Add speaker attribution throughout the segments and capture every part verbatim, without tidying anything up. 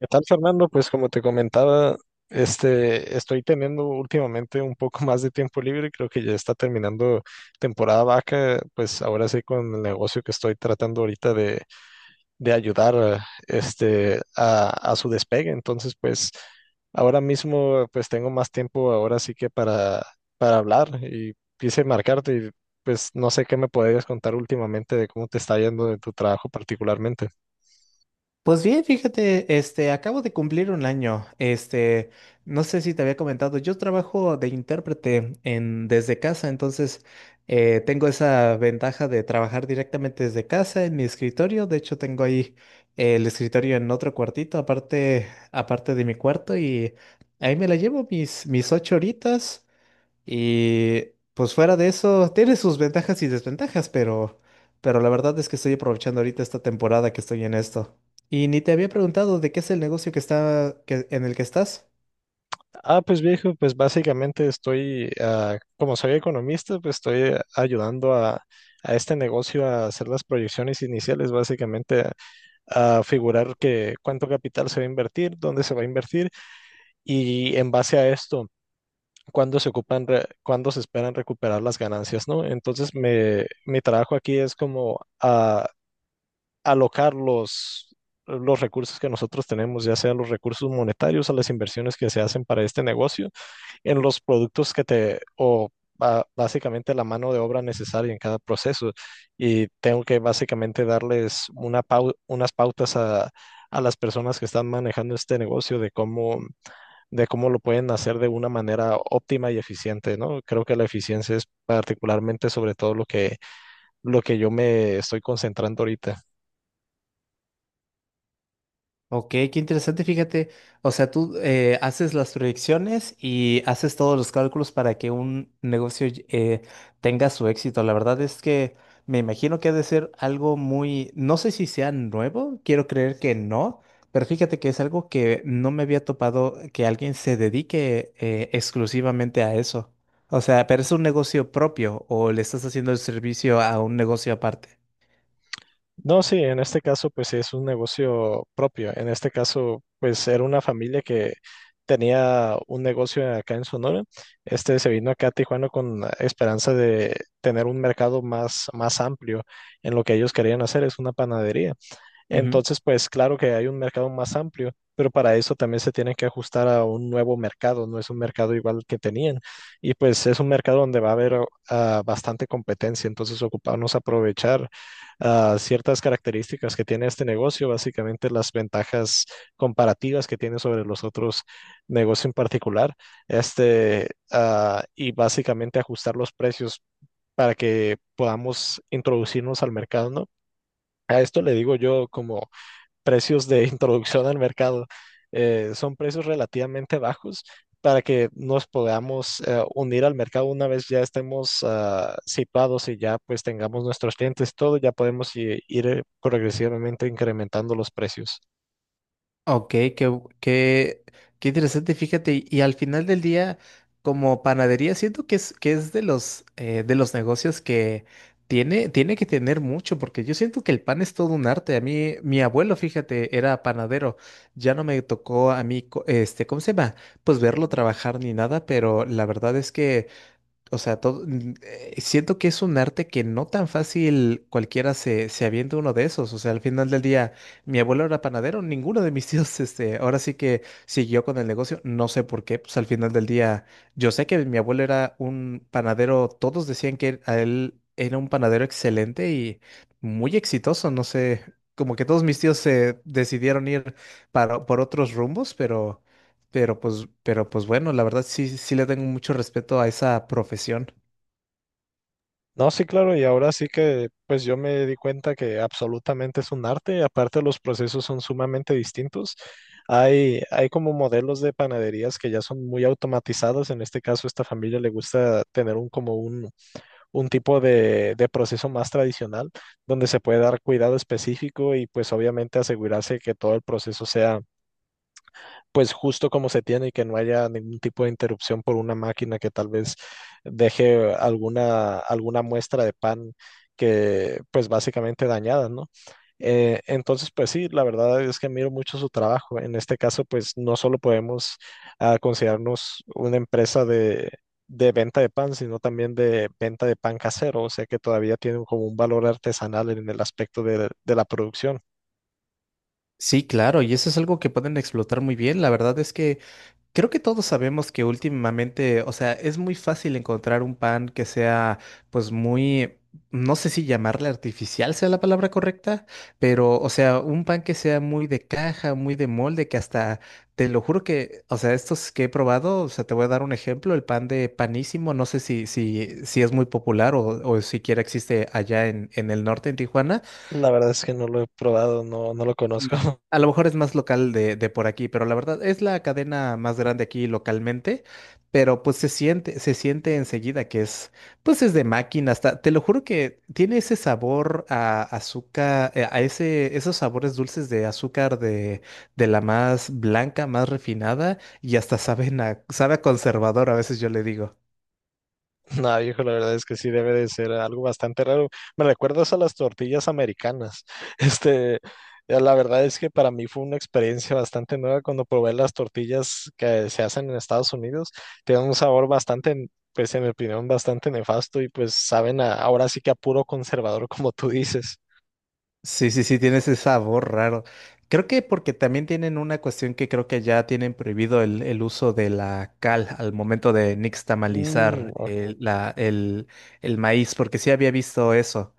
Speaker 1: ¿Qué tal, Fernando? Pues como te comentaba, este, estoy teniendo últimamente un poco más de tiempo libre. Creo que ya está terminando temporada vaca. Pues ahora sí con el negocio que estoy tratando ahorita de, de ayudar a, este, a, a su despegue. Entonces, pues ahora mismo pues tengo más tiempo ahora sí que para, para hablar y quise marcarte y pues no sé qué me podrías contar últimamente de cómo te está yendo en tu trabajo particularmente.
Speaker 2: Pues bien, fíjate, este, acabo de cumplir un año. Este, no sé si te había comentado, yo trabajo de intérprete en, desde casa. Entonces eh, tengo esa ventaja de trabajar directamente desde casa en mi escritorio. De hecho, tengo ahí eh, el escritorio en otro cuartito, aparte, aparte de mi cuarto, y ahí me la llevo mis, mis ocho horitas. Y pues fuera de eso, tiene sus ventajas y desventajas, pero, pero la verdad es que estoy aprovechando ahorita esta temporada que estoy en esto. Y ni te había preguntado de qué es el negocio que está, que, en el que estás.
Speaker 1: Ah, pues viejo, pues básicamente estoy, ah, como soy economista, pues estoy ayudando a, a este negocio a hacer las proyecciones iniciales, básicamente a, a figurar que cuánto capital se va a invertir, dónde se va a invertir y en base a esto, cuándo se ocupan, re- cuándo se esperan recuperar las ganancias, ¿no? Entonces, me, mi trabajo aquí es como a, alocar los... los recursos que nosotros tenemos, ya sean los recursos monetarios a las inversiones que se hacen para este negocio en los productos que te, o ba- básicamente la mano de obra necesaria en cada proceso. Y tengo que básicamente darles una pau- unas pautas a, a las personas que están manejando este negocio de cómo, de cómo lo pueden hacer de una manera óptima y eficiente, ¿no? Creo que la eficiencia es particularmente sobre todo lo que, lo que yo me estoy concentrando ahorita.
Speaker 2: Ok, qué interesante, fíjate. O sea, tú eh, haces las proyecciones y haces todos los cálculos para que un negocio eh, tenga su éxito. La verdad es que me imagino que ha de ser algo muy, no sé si sea nuevo, quiero creer que no, pero fíjate que es algo que no me había topado que alguien se dedique eh, exclusivamente a eso. O sea, ¿pero es un negocio propio o le estás haciendo el servicio a un negocio aparte?
Speaker 1: No, sí, en este caso pues sí es un negocio propio. En este caso pues era una familia que tenía un negocio acá en Sonora. Este se vino acá a Tijuana con la esperanza de tener un mercado más, más amplio en lo que ellos querían hacer, es una panadería. Entonces, pues claro que hay un mercado más amplio, pero para eso también se tienen que ajustar a un nuevo mercado, no es un mercado igual que tenían. Y pues es un mercado donde va a haber o- ah, bastante competencia, entonces ocuparnos aprovechar ah, ciertas características que tiene este negocio, básicamente las ventajas comparativas que tiene sobre los otros negocios en particular, este, ah, y básicamente ajustar los precios para que podamos introducirnos al mercado, ¿no? A esto le digo yo como precios de introducción al mercado. Eh, son precios relativamente bajos para que nos podamos eh, unir al mercado una vez ya estemos ah, situados y ya pues tengamos nuestros clientes, todo ya podemos i- ir eh, progresivamente incrementando los precios.
Speaker 2: Ok, qué, bu- qué, qué interesante, fíjate. Y, y al final del día, como panadería, siento que es, que es de los, eh, de los negocios que tiene, tiene que tener mucho, porque yo siento que el pan es todo un arte. A mí, mi abuelo, fíjate, era panadero, ya no me tocó a mí, co- este, ¿cómo se llama? Pues verlo trabajar ni nada, pero la verdad es que o sea, todo, n- eh, siento que es un arte que no tan fácil cualquiera se, se avienta uno de esos. O sea, al final del día, mi abuelo era panadero, ninguno de mis tíos, este, ahora sí que siguió con el negocio. No sé por qué, pues al final del día, yo sé que mi abuelo era un panadero, todos decían que a él era un panadero excelente y muy exitoso. No sé, como que todos mis tíos se decidieron ir para, por otros rumbos, pero... Pero pues, pero pues bueno, la verdad sí, sí le tengo mucho respeto a esa profesión.
Speaker 1: No, sí, claro, y ahora sí que pues yo me di cuenta que absolutamente es un arte, aparte los procesos son sumamente distintos. Hay, hay como modelos de panaderías que ya son muy automatizados. En este caso, esta familia le gusta tener un como un, un tipo de, de proceso más tradicional donde se puede dar cuidado específico y pues obviamente asegurarse que todo el proceso sea pues justo como se tiene y que no haya ningún tipo de interrupción por una máquina que tal vez deje alguna, alguna muestra de pan que pues básicamente dañada, ¿no? Eh, entonces, pues sí, la verdad es que miro mucho su trabajo. En este caso, pues no solo podemos ah, considerarnos una empresa de, de venta de pan, sino también de venta de pan casero, o sea que todavía tiene como un valor artesanal en el aspecto de, de la producción.
Speaker 2: Sí, claro, y eso es algo que pueden explotar muy bien. La verdad es que creo que todos sabemos que últimamente, o sea, es muy fácil encontrar un pan que sea, pues muy, no sé si llamarle artificial sea la palabra correcta, pero, o sea, un pan que sea muy de caja, muy de molde, que hasta, te lo juro que, o sea, estos que he probado, o sea, te voy a dar un ejemplo, el pan de Panísimo, no sé si, si, si es muy popular o, o siquiera existe allá en, en el norte, en Tijuana,
Speaker 1: La verdad es que no lo he probado, no, no lo conozco.
Speaker 2: no. A lo mejor es más local de, de por aquí, pero la verdad es la cadena más grande aquí localmente, pero pues se siente, se siente enseguida que es, pues es de máquina, hasta, te lo juro que tiene ese sabor a azúcar, eh, a ese, esos sabores dulces de azúcar de, de la más blanca, más refinada, y hasta saben a, sabe a conservador, a veces yo le digo.
Speaker 1: No, viejo, la verdad es que sí debe de ser algo bastante raro. Me recuerdas a las tortillas americanas. Este, eh, la verdad es que para mí fue una experiencia bastante nueva cuando probé las tortillas que se hacen en Estados Unidos. Tienen un sabor bastante, pues en mi opinión, bastante nefasto y pues saben a- ahora sí que a puro conservador, como tú dices.
Speaker 2: Sí, sí, sí, tiene ese sabor raro. Creo que porque también tienen una cuestión que creo que ya tienen prohibido el, el uso de la cal al momento de
Speaker 1: Mm,
Speaker 2: nixtamalizar
Speaker 1: ok.
Speaker 2: el, la, el, el maíz, porque sí había visto eso.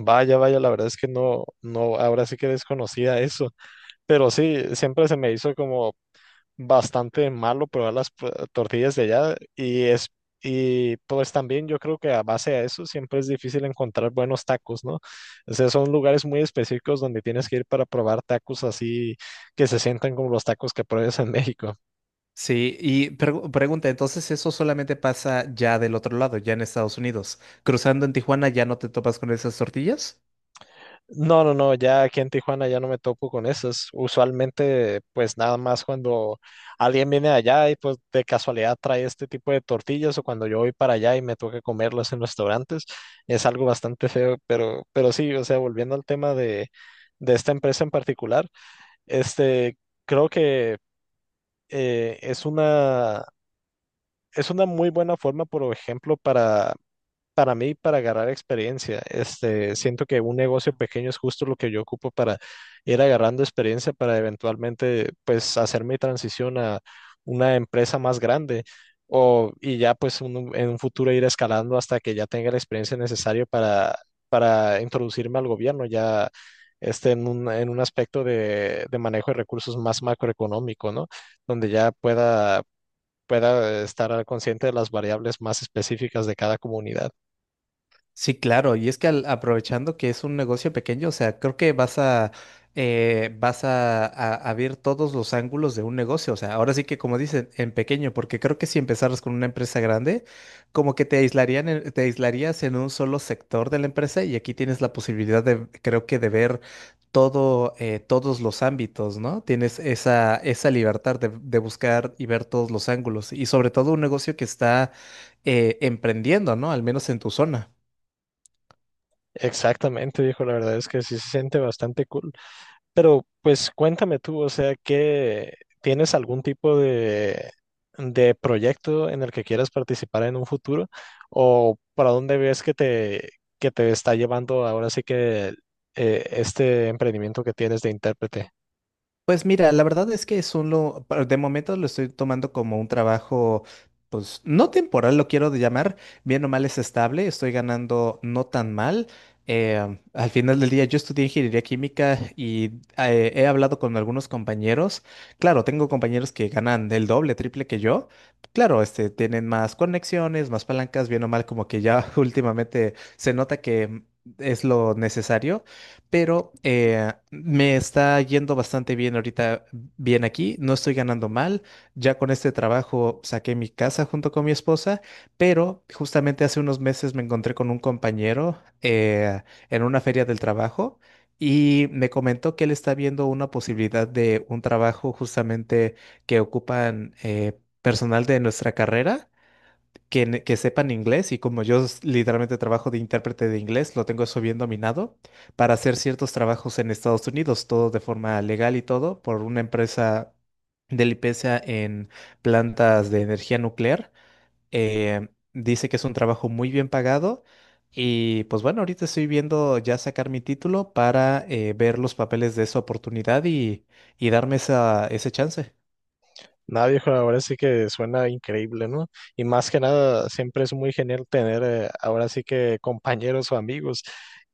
Speaker 1: Vaya, vaya, la verdad es que no, no, ahora sí que desconocía eso, pero sí, siempre se me hizo como bastante malo probar las pro- tortillas de allá y es y pues también yo creo que a base de eso siempre es difícil encontrar buenos tacos, ¿no? O sea, son lugares muy específicos donde tienes que ir para probar tacos así que se sientan como los tacos que pruebas en México.
Speaker 2: Sí, y pregu- pregunta, entonces eso solamente pasa ya del otro lado, ya en Estados Unidos. Cruzando en Tijuana, ¿ya no te topas con esas tortillas?
Speaker 1: No, no, no, ya aquí en Tijuana ya no me topo con esas. Usualmente, pues nada más cuando alguien viene allá y pues de casualidad trae este tipo de tortillas o cuando yo voy para allá y me toca comerlas en restaurantes, es algo bastante feo, pero, pero sí, o sea, volviendo al tema de, de esta empresa en particular, este, creo que eh, es una, es una muy buena forma, por ejemplo, para para mí, para agarrar experiencia, este, siento que un negocio pequeño es justo lo que yo ocupo para ir agarrando experiencia para eventualmente, pues, hacer mi transición a una empresa más grande o, y ya, pues, un- en un futuro ir escalando hasta que ya tenga la experiencia necesaria para, para introducirme al gobierno, ya, este, en un, en un aspecto de, de manejo de recursos más macroeconómico, ¿no? Donde ya pueda, pueda estar consciente de las variables más específicas de cada comunidad.
Speaker 2: Sí, claro, y es que al- aprovechando que es un negocio pequeño, o sea, creo que vas a eh, vas a, a- a ver todos los ángulos de un negocio, o sea, ahora sí que como dicen, en pequeño, porque creo que si empezaras con una empresa grande, como que te aislarían, en- te aislarías en un solo sector de la empresa y aquí tienes la posibilidad de, creo que de ver todo, eh, todos los ámbitos, ¿no? Tienes esa, esa libertad de, de buscar y ver todos los ángulos, y sobre todo un negocio que está eh, emprendiendo, ¿no? Al menos en tu zona.
Speaker 1: Exactamente, dijo, la verdad es que sí se siente bastante cool. Pero pues cuéntame tú, o sea, ¿qué tienes algún tipo de, de proyecto en el que quieras participar en un futuro? ¿O para dónde ves que te, que te está llevando ahora sí que eh, este emprendimiento que tienes de intérprete?
Speaker 2: Pues mira, la verdad es que es un lo, pa- de momento lo estoy tomando como un trabajo, pues no temporal, lo quiero de llamar, bien o mal es estable, estoy ganando no tan mal. eh, al final del día yo estudié ingeniería química y eh, he hablado con algunos compañeros. Claro, tengo compañeros que ganan el doble, triple que yo. Claro, este, tienen más conexiones, más palancas, bien o mal, como que ya últimamente se nota que mm, es lo necesario, pero eh, me está yendo bastante bien ahorita, bien aquí, no estoy ganando mal, ya con este trabajo saqué mi casa junto con mi esposa, pero justamente hace unos meses me encontré con un compañero eh, en una feria del trabajo y me comentó que él está viendo una posibilidad de un trabajo justamente que ocupan eh, personal de nuestra carrera que, ne- que sepan inglés, y como yo s- literalmente trabajo de intérprete de inglés, lo tengo eso bien dominado para hacer ciertos trabajos en Estados Unidos, todo de forma legal y todo, por una empresa de limpieza en plantas de energía nuclear. Eh, dice que es un trabajo muy bien pagado y pues bueno, ahorita estoy viendo ya sacar mi título para eh, ver los papeles de esa oportunidad y, y darme esa, ese chance.
Speaker 1: Nada, viejo, ahora sí que suena increíble, ¿no? Y más que nada, siempre es muy genial tener eh, ahora sí que compañeros o amigos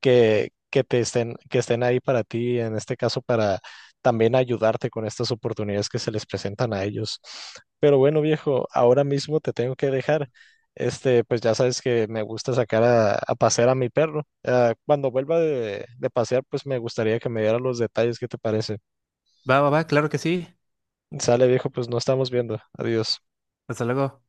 Speaker 1: que, que te estén, que estén ahí para ti, en este caso para también ayudarte con estas oportunidades que se les presentan a ellos. Pero bueno, viejo, ahora mismo te tengo que dejar. Este, pues ya sabes que me gusta sacar a, a pasear a mi perro. Ah, cuando vuelva de, de pasear, pues me gustaría que me diera los detalles, ¿qué te parece?
Speaker 2: Va, va, va, claro que sí.
Speaker 1: Sale, viejo, pues nos estamos viendo. Adiós.
Speaker 2: Hasta luego.